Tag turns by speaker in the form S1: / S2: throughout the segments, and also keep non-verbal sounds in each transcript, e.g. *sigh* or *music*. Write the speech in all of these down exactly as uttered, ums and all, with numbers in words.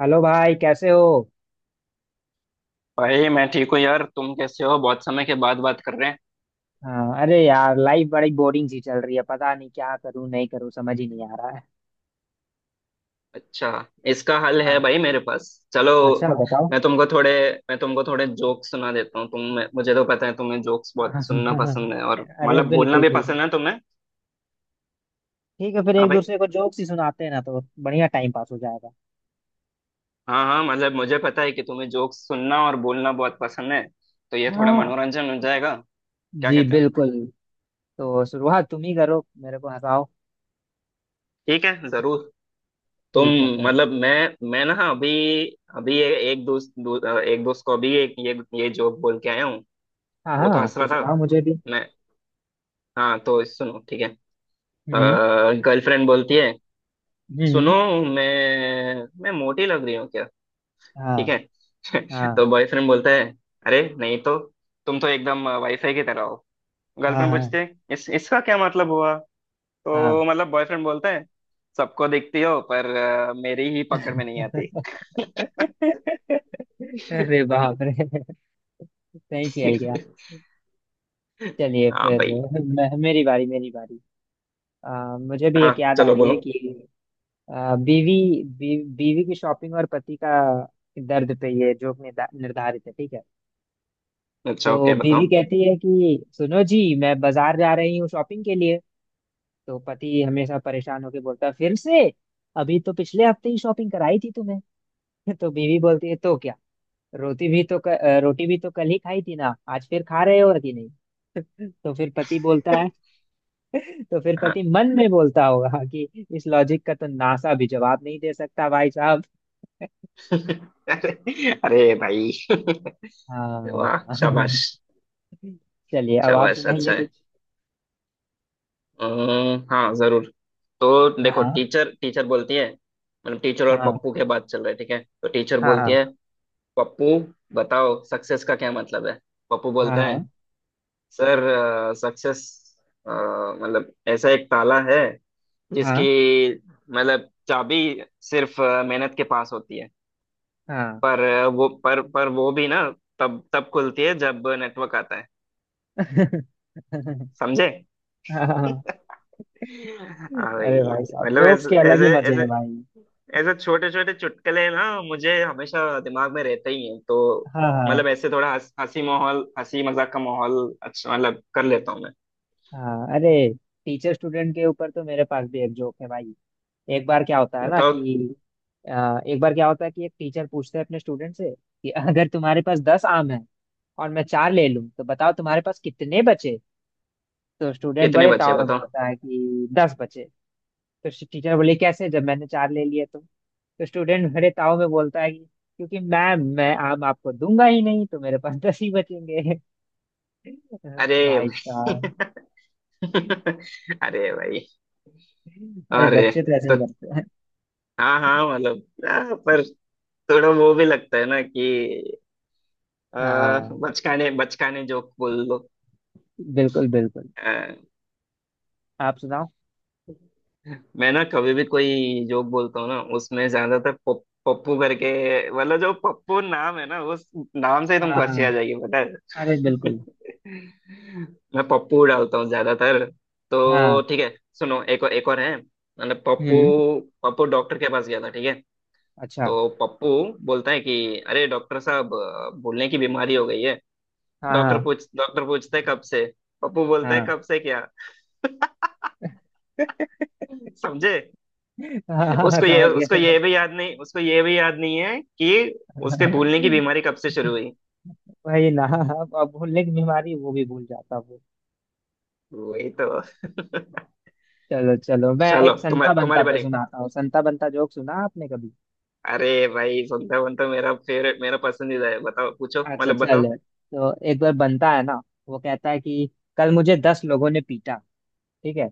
S1: Hello भाई, कैसे हो?
S2: भाई, मैं ठीक हूँ यार। तुम कैसे हो? बहुत समय के बाद बात कर रहे हैं।
S1: हाँ, अरे यार, लाइफ बड़ी बोरिंग सी चल रही है। पता नहीं क्या करूं, नहीं करूं, समझ ही नहीं आ रहा है।
S2: अच्छा, इसका हल है
S1: हाँ।
S2: भाई मेरे पास। चलो।
S1: अच्छा, बताओ।
S2: मैं तुमको थोड़े मैं तुमको थोड़े जोक्स सुना देता हूँ। तुम मुझे तो पता है तुम्हें जोक्स
S1: *laughs*
S2: बहुत सुनना
S1: हाँ,
S2: पसंद है, और
S1: अरे
S2: मतलब बोलना
S1: बिल्कुल
S2: भी
S1: बिल्कुल।
S2: पसंद है तुम्हें।
S1: ठीक है, फिर
S2: हाँ
S1: एक
S2: भाई।
S1: दूसरे को जोक्स ही सुनाते हैं ना, तो बढ़िया टाइम पास हो जाएगा।
S2: हाँ हाँ, मतलब मुझे पता है कि तुम्हें जोक्स सुनना और बोलना बहुत पसंद है। तो ये थोड़ा
S1: हाँ।
S2: मनोरंजन हो जाएगा। क्या
S1: जी
S2: कहते हो?
S1: बिल्कुल। तो शुरुआत तुम ही करो, मेरे को हंसाओ।
S2: ठीक है, जरूर। तुम
S1: ठीक है फिर।
S2: मतलब मैं मैं ना अभी अभी ए- एक दोस्त दो, एक दोस्त को अभी एक ये ये जोक बोल के आया हूँ।
S1: हाँ
S2: वो तो
S1: हाँ,
S2: हंस
S1: तो
S2: रहा था।
S1: सुनाओ मुझे भी।
S2: मैं हाँ तो सुनो ठीक है।
S1: हम्म।
S2: गर्लफ्रेंड बोलती है,
S1: हम्म
S2: सुनो,
S1: हम्म।
S2: मैं मैं मोटी लग रही हूँ क्या?
S1: हाँ।
S2: ठीक है। *laughs*
S1: हाँ।
S2: तो बॉयफ्रेंड बोलता है, अरे नहीं तो, तुम तो एकदम वाईफाई की तरह हो। गर्लफ्रेंड पूछती
S1: हाँ
S2: है, इस इसका क्या मतलब हुआ?
S1: हाँ। हाँ।
S2: तो मतलब बॉयफ्रेंड बोलता है, सबको दिखती हो, पर अ, मेरी ही पकड़ में नहीं आती।
S1: *laughs* अरे बाप रे। सही खेल गया।
S2: *laughs*
S1: चलिए
S2: हाँ
S1: फिर।
S2: भाई।
S1: मैं, मेरी बारी मेरी बारी। आ, मुझे भी
S2: हाँ,
S1: एक याद आ
S2: चलो
S1: रही है
S2: बोलो।
S1: कि आ, बीवी, बी, बीवी की शॉपिंग और पति का दर्द पे ये जोक निर्धा- निर्धारित है। ठीक है।
S2: अच्छा,
S1: तो
S2: ओके
S1: बीवी
S2: बताओ।
S1: कहती है कि सुनो जी, मैं बाजार जा रही हूँ शॉपिंग के लिए। तो पति हमेशा परेशान होके बोलता है फिर से, अभी तो पिछले हफ्ते ही शॉपिंग कराई थी तुम्हें। *laughs* तो बीवी बोलती है, तो क्या, रोटी भी तो क, अ, रोटी भी तो कल ही खाई थी ना, आज फिर खा रहे हो कि नहीं? *laughs* तो फिर पति बोलता है, तो फिर
S2: हाँ।
S1: पति मन में बोलता होगा कि इस लॉजिक का तो नासा भी जवाब नहीं दे सकता भाई साहब।
S2: *laughs* अरे। अरे भाई। *laughs* वाह
S1: हाँ।
S2: शाबाश।
S1: *laughs* चलिए अब
S2: अच्छा,
S1: आप
S2: वैसे अच्छा
S1: सुनाइए
S2: है।
S1: कुछ।
S2: हम्म, हाँ जरूर। तो देखो,
S1: हाँ
S2: टीचर टीचर बोलती है, मतलब टीचर और
S1: हाँ।
S2: पप्पू के बात चल रही है ठीक है, तो टीचर
S1: हाँ
S2: बोलती है,
S1: हाँ।
S2: पप्पू, बताओ सक्सेस का क्या मतलब है? पप्पू बोलता
S1: हाँ
S2: है, सर, सक्सेस मतलब ऐसा एक ताला है जिसकी
S1: हाँ।
S2: मतलब चाबी सिर्फ अ, मेहनत के पास होती है।
S1: हाँ।
S2: पर अ, वो पर पर वो भी ना तब तब खुलती है जब नेटवर्क आता है।
S1: *laughs*
S2: समझे?
S1: हाँ।
S2: *laughs* हाँ भाई।
S1: अरे भाई साहब,
S2: मतलब
S1: जोक्स
S2: ऐसे
S1: के अलग ही
S2: ऐसे
S1: मजे हैं
S2: ऐसे
S1: भाई।
S2: ऐसे छोटे छोटे चुटकुले ना मुझे हमेशा दिमाग में रहते ही हैं तो
S1: हाँ हाँ।
S2: मतलब ऐसे थोड़ा हंस- हंसी माहौल हंसी मजाक का माहौल अच्छा मतलब कर लेता हूँ मैं।
S1: हाँ। अरे, टीचर स्टूडेंट के ऊपर तो मेरे पास भी एक जोक है भाई। एक बार क्या होता है ना
S2: बताओ
S1: कि अ, एक बार क्या होता है कि एक टीचर पूछते हैं अपने स्टूडेंट से कि *laughs* अगर तुम्हारे पास दस आम है और मैं चार ले लूं तो बताओ तुम्हारे पास कितने बचे। तो स्टूडेंट
S2: कितने
S1: बड़े
S2: बचे
S1: ताव में
S2: बताओ?
S1: बोलता है कि दस बचे। तो टीचर बोले कैसे, जब मैंने चार ले लिए? तो तो स्टूडेंट बड़े ताव में बोलता है कि क्योंकि मैम, मैं आम आपको दूंगा ही नहीं, तो मेरे पास *laughs* दस ही बचेंगे। *laughs*
S2: अरे
S1: भाई साहब।
S2: भाई। *laughs* अरे भाई।
S1: अरे
S2: अरे।
S1: बच्चे तो ऐसे ही
S2: तो,
S1: करते हैं।
S2: हाँ हाँ मतलब आ, पर थोड़ा वो भी लगता है ना कि आ,
S1: हाँ
S2: बचकाने बचकाने जोक बोल दो।
S1: बिल्कुल बिल्कुल। आप सुनाओ।
S2: मैं ना कभी भी कोई जोक बोलता हूँ ना उसमें ज्यादातर पप- पप्पू करके, मतलब जो पप्पू नाम है ना उस नाम से ही तुमको हंसी
S1: हाँ।
S2: आ जाएगी, पता है?
S1: अरे बिल्कुल।
S2: *laughs* मैं पप्पू डालता हूँ ज्यादातर।
S1: हाँ।
S2: तो ठीक है सुनो, एक और एक और है मतलब पप्पू,
S1: हम्म।
S2: पप्पू डॉक्टर के पास गया था ठीक है।
S1: अच्छा।
S2: तो पप्पू बोलता है कि अरे डॉक्टर साहब, अ, भूलने की बीमारी हो गई है।
S1: हाँ
S2: डॉक्टर
S1: हाँ।
S2: पूछ डॉक्टर पूछते है कब से? पप्पू बोलता है
S1: हाँ
S2: कब से क्या? समझे?
S1: हाँ। हाँ,
S2: उसको ये
S1: समझ गया,
S2: उसको
S1: समझ
S2: ये भी याद नहीं उसको ये भी याद नहीं है कि उसके
S1: गया।
S2: भूलने की बीमारी कब से शुरू हुई।
S1: वही ना। अब अब भूलने की बीमारी वो भी भूल जाता वो।
S2: वही तो। *laughs*
S1: चलो चलो, मैं
S2: चलो
S1: एक संता
S2: तुम्हारे
S1: बंता
S2: तुम्हारे
S1: पे
S2: बारे में।
S1: सुनाता हूँ। संता बंता जोक सुना आपने कभी?
S2: अरे भाई, सुनता वन तो मेरा फेवरेट, मेरा पसंदीदा है, बताओ पूछो
S1: अच्छा,
S2: मतलब बताओ।
S1: चलो। तो एक बार बनता है ना, वो कहता है कि कल मुझे दस लोगों ने पीटा। ठीक है।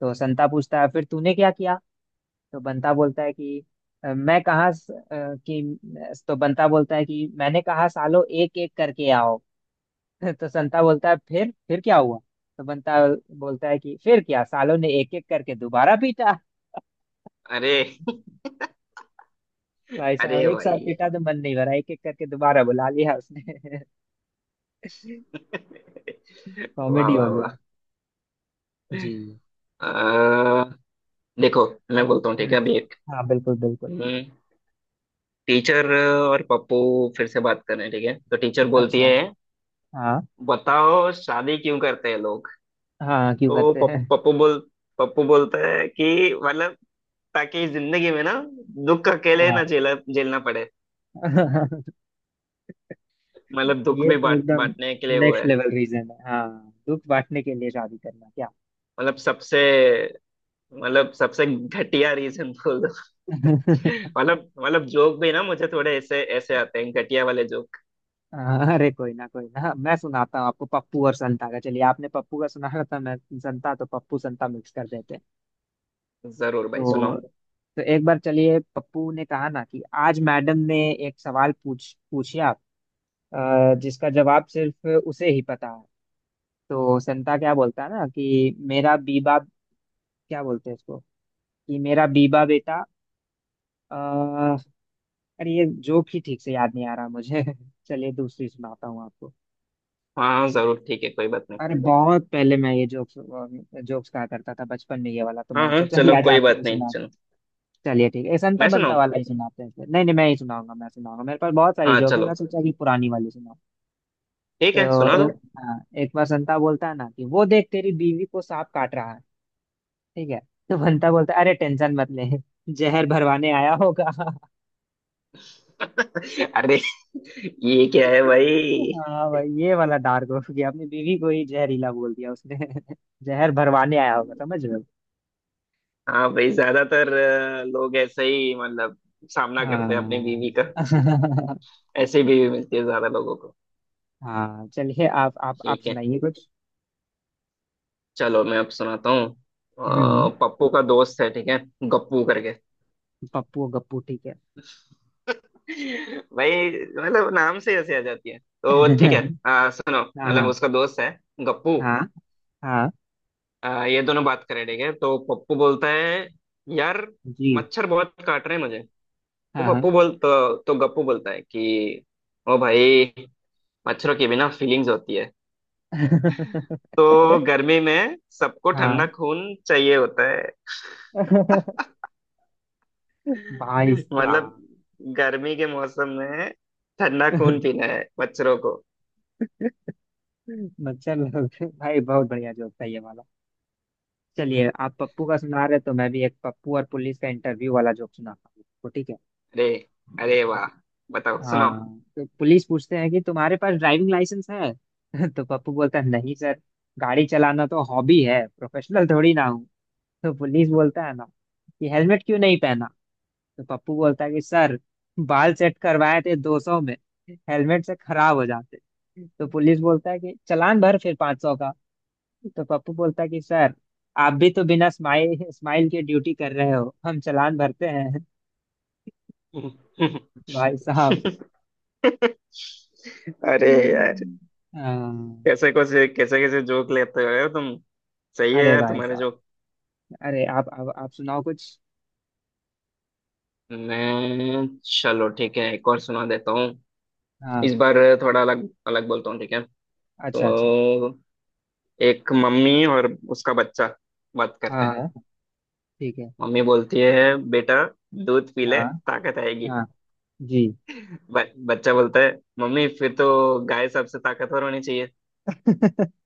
S1: तो संता पूछता है फिर तूने क्या किया? तो बंता बोलता है कि "अ, मैं कहाँ स- अ, कि तो बंता बोलता है कि मैंने कहा सालो एक एक करके आओ। *laughs* तो संता बोलता है फिर फिर क्या हुआ? तो बंता बोलता है कि फिर क्या, सालों ने एक एक करके दोबारा पीटा। *laughs*
S2: अरे। *laughs*
S1: भाई साहब,
S2: अरे
S1: एक साथ
S2: भाई।
S1: पीटा तो मन नहीं भरा, एक एक करके दोबारा बुला लिया उसने। *laughs*
S2: *laughs* वाह
S1: कॉमेडी हो
S2: वाह
S1: गया।
S2: वाह।
S1: जी।
S2: अ, देखो, मैं
S1: अब-
S2: बोलता हूँ ठीक है
S1: हम्म,
S2: अभी एक।
S1: हाँ बिल्कुल बिल्कुल।
S2: हम्म, टीचर और पप्पू फिर से बात कर रहे हैं ठीक है, तो टीचर बोलती
S1: अच्छा।
S2: है,
S1: हाँ।
S2: बताओ शादी क्यों करते हैं लोग?
S1: हाँ, क्यों
S2: तो
S1: करते हैं?
S2: पप- पप्पू बोल पप्पू बोलते हैं कि मतलब ताकि इस जिंदगी में ना दुख अकेले ना झेला झेलना पड़े।
S1: हाँ। *laughs*
S2: मतलब दुख
S1: ये
S2: भी
S1: तो
S2: बांट
S1: एकदम
S2: बांटने के लिए वो
S1: नेक्स्ट
S2: है।
S1: लेवल रीजन है। हाँ, दुख बांटने के लिए शादी करना क्या।
S2: मतलब सबसे मतलब सबसे घटिया रीजन बोल दो। *laughs*
S1: *laughs*
S2: मतलब मतलब जोक भी ना मुझे थोड़े ऐसे ऐसे आते हैं घटिया वाले जोक।
S1: अरे कोई ना, कोई ना, मैं सुनाता हूँ आपको पप्पू और संता का। चलिए, आपने पप्पू का सुना था, मैं संता, तो पप्पू संता मिक्स कर देते हैं।
S2: जरूर भाई सुनाओ।
S1: तो तो एक बार, चलिए, पप्पू ने कहा ना कि आज मैडम ने एक सवाल पूछ पूछा अ, जिसका जवाब सिर्फ उसे ही पता है। तो संता क्या बोलता है ना कि मेरा बीबा, क्या बोलते हैं इसको, कि मेरा बीबा बेटा, अरे ये जोक ही ठीक से याद नहीं आ रहा मुझे। *laughs* चलिए दूसरी सुनाता हूँ आपको।
S2: हाँ हाँ जरूर, ठीक है कोई बात नहीं।
S1: अरे बहुत पहले मैं ये जोक्स जोक्स कहा करता था बचपन में, ये वाला तो
S2: हाँ
S1: मैंने
S2: हाँ
S1: सोचा कि
S2: चलो
S1: आज
S2: कोई
S1: आपको
S2: बात
S1: भी
S2: नहीं
S1: सुना दूं।
S2: सुनो।
S1: चलिए ठीक है, संता
S2: मैं
S1: बनता
S2: सुनाऊं।
S1: वाला ही सुनाते हैं फिर। नहीं नहीं, मैं ही सुनाऊंगा, मैं सुनाऊंगा, मेरे पास बहुत सारी
S2: हाँ
S1: जोक है, मैं
S2: चलो।
S1: सोचा कि पुरानी वाली सुनाऊं।
S2: ठीक है
S1: तो
S2: सुना
S1: ए,
S2: दो।
S1: हाँ, एक बार संता बोलता है ना कि वो देख तेरी बीवी को सांप काट रहा है। ठीक है। तो बंता बोलता है, अरे टेंशन मत ले, जहर भरवाने आया होगा।
S2: *laughs* अरे, ये क्या है भाई?
S1: हाँ भाई, ये वाला डार्क हो गया, अपनी बीवी को ही जहरीला बोल दिया उसने। *laughs* जहर भरवाने आया होगा, समझ रहे हो।
S2: हाँ भाई, ज्यादातर अ, लोग ऐसे ही मतलब सामना करते हैं अपनी बीवी का।
S1: हाँ।
S2: ऐसे ही बीवी मिलती है ज्यादा लोगों को।
S1: *laughs* हाँ, चलिए आप आप आप
S2: ठीक है।
S1: सुनाइए कुछ।
S2: चलो मैं अब सुनाता हूँ,
S1: हम्म।
S2: अ, पप्पू का दोस्त है ठीक है, गप्पू करके।
S1: पप्पू और गप्पू, ठीक है।
S2: भाई, मतलब नाम से ऐसे आ जाती है तो ठीक है।
S1: *laughs*
S2: अ, सुनो,
S1: हाँ
S2: मतलब
S1: हाँ।
S2: उसका दोस्त है गप्पू।
S1: हाँ हाँ।
S2: अ, ये दोनों बात करें ठीक है, तो पप्पू बोलता है, यार
S1: जी।
S2: मच्छर बहुत काट रहे हैं मुझे। तो
S1: हाँ हाँ।
S2: पप्पू बोल तो, तो गप्पू बोलता है कि ओ भाई, मच्छरों की भी ना फीलिंग्स होती है,
S1: *laughs*
S2: तो गर्मी में सबको ठंडा
S1: हाँ।
S2: खून चाहिए होता है।
S1: *laughs* भाई
S2: मतलब
S1: साहब।
S2: गर्मी के मौसम में ठंडा खून पीना है बच्चों को।
S1: *laughs* मच्छर लोग। भाई बहुत बढ़िया जोक था ये वाला। चलिए, आप पप्पू का सुना रहे, तो मैं भी एक पप्पू और पुलिस का इंटरव्यू वाला जोक सुनाता हूँ आपको, ठीक है।
S2: अरे, अरे वाह। बताओ
S1: हाँ,
S2: सुनो।
S1: तो पुलिस पूछते हैं कि तुम्हारे पास ड्राइविंग लाइसेंस है? *laughs* तो पप्पू बोलता है, नहीं सर, गाड़ी चलाना तो हॉबी है, प्रोफेशनल थोड़ी ना हूँ। तो पुलिस बोलता है ना कि हेलमेट क्यों नहीं पहना? तो पप्पू बोलता है कि सर, बाल सेट करवाए थे दो सौ में, हेलमेट से खराब हो जाते। तो पुलिस बोलता है कि चालान भर फिर पाँच सौ का। तो पप्पू बोलता है कि सर, आप भी तो बिना स्माइल स्माइल के ड्यूटी कर रहे हो, हम चालान भरते हैं। *laughs* भाई साहब।
S2: अरे यार,
S1: हाँ।
S2: कैसे कैसे कैसे कैसे जोक लेते हो तुम। सही है
S1: अरे
S2: यार
S1: भाई
S2: तुम्हारे
S1: साहब,
S2: जोक।
S1: अरे आप आप, आप सुनाओ कुछ।
S2: मैं चलो ठीक है एक और सुना देता हूँ।
S1: हाँ।
S2: इस बार थोड़ा अलग अलग बोलता हूँ ठीक है।
S1: अच्छा अच्छा।
S2: तो एक मम्मी और उसका बच्चा बात करते हैं।
S1: हाँ। ठीक है।
S2: मम्मी बोलती है, बेटा दूध पी ले,
S1: हाँ।
S2: ताकत आएगी।
S1: हाँ। जी।
S2: ब, बच्चा बोलता है, मम्मी फिर तो गाय सबसे ताकतवर होनी चाहिए।
S1: *laughs*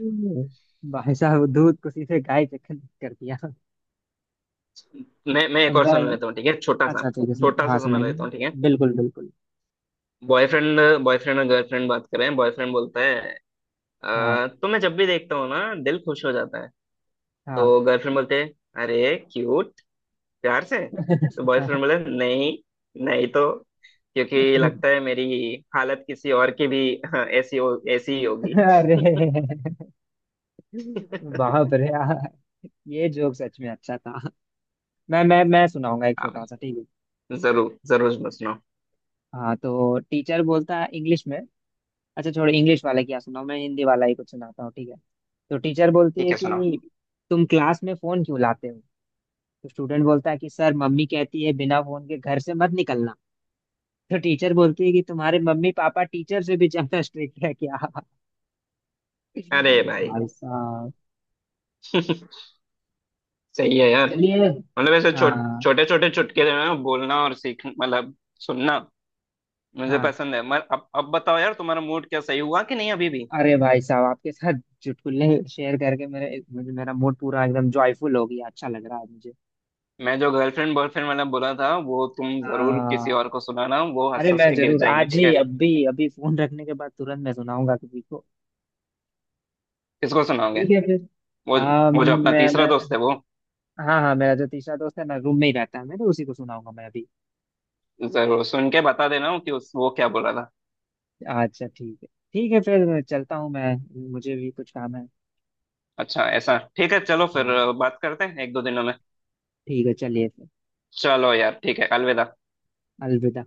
S1: हम्म। भाई साहब दूध को सीधे गाय के खंड कर दिया।
S2: मैं मैं
S1: अब
S2: एक और सुना
S1: मैं...
S2: लेता हूँ ठीक है, छोटा सा।
S1: अच्छा ठीक है, सुन-
S2: छोटा सा
S1: हाँ,
S2: सुना
S1: सुनाइए।
S2: लेता हूँ ठीक है।
S1: बिल्कुल बिल्कुल।
S2: बॉयफ्रेंड बॉयफ्रेंड और गर्लफ्रेंड बात कर रहे हैं, बॉयफ्रेंड बोलता है,
S1: हाँ।
S2: "अ, तुम्हें जब भी देखता हूँ ना दिल खुश हो जाता है।
S1: हाँ।
S2: तो गर्लफ्रेंड बोलते है, अरे क्यूट, प्यार से तो
S1: *laughs*
S2: बॉयफ्रेंड बोले, नहीं नहीं तो, क्योंकि लगता है मेरी हालत किसी और की भी *laughs* ऐसी हो ऐसी ही होगी।
S1: अरे
S2: *laughs*
S1: बाप रे यार, ये जोक सच में अच्छा था। मैं मैं मैं सुनाऊंगा एक
S2: हाँ
S1: छोटा सा,
S2: भाई।
S1: ठीक है।
S2: जरूर जरूर, सुनो सुनो।
S1: हाँ, तो टीचर बोलता है इंग्लिश में, अच्छा छोड़ो, इंग्लिश वाला क्या सुनाऊं, मैं हिंदी वाला ही कुछ सुनाता हूँ, ठीक है। तो टीचर बोलती
S2: ठीक
S1: है
S2: है सुनाओ।
S1: कि तुम क्लास में फोन क्यों लाते हो? तो स्टूडेंट बोलता है कि सर, मम्मी कहती है बिना फोन के घर से मत निकलना। तो टीचर बोलती है कि तुम्हारे मम्मी पापा टीचर से भी ज्यादा स्ट्रिक्ट है क्या?
S2: अरे भाई।
S1: भाई साहब।
S2: *laughs* सही है यार।
S1: चलिए।
S2: मतलब ऐसे छो,
S1: हाँ
S2: छोटे छोटे चुटकुले में बोलना और सीख मतलब सुनना मुझे
S1: हाँ।
S2: पसंद है। मगर अब अब बताओ यार, तुम्हारा मूड क्या सही हुआ कि नहीं अभी भी?
S1: अरे भाई साहब, आपके साथ चुटकुले शेयर करके मेरे मुझे, मेरा मूड पूरा एकदम जॉयफुल हो गया, अच्छा लग रहा है मुझे।
S2: मैं जो गर्लफ्रेंड बॉयफ्रेंड वाला बोला था वो तुम जरूर किसी
S1: हाँ।
S2: और को सुनाना, वो हंस
S1: अरे,
S2: हंस
S1: मैं
S2: के गिर
S1: जरूर
S2: जाएंगे
S1: आज
S2: ठीक
S1: ही
S2: है।
S1: अभी अभी फोन रखने के बाद तुरंत मैं सुनाऊंगा किसी को।
S2: किसको सुनाओगे?
S1: ठीक है फिर।
S2: वो
S1: आ,
S2: वो जो अपना
S1: मैं,
S2: तीसरा
S1: मैं
S2: दोस्त है वो।
S1: हाँ हाँ, मेरा जो तीसरा दोस्त है ना, रूम में ही रहता है, मैं तो उसी को सुनाऊंगा मैं अभी।
S2: जरूर सुन के बता देना कि उस वो क्या बोला था।
S1: अच्छा ठीक है, ठीक है फिर, चलता हूँ मैं, मुझे भी कुछ काम है।
S2: अच्छा ऐसा, ठीक है चलो फिर।
S1: हाँ।
S2: बात करते हैं एक दो दिनों में।
S1: ठीक है, चलिए फिर।
S2: चलो यार ठीक है, अलविदा।
S1: अलविदा।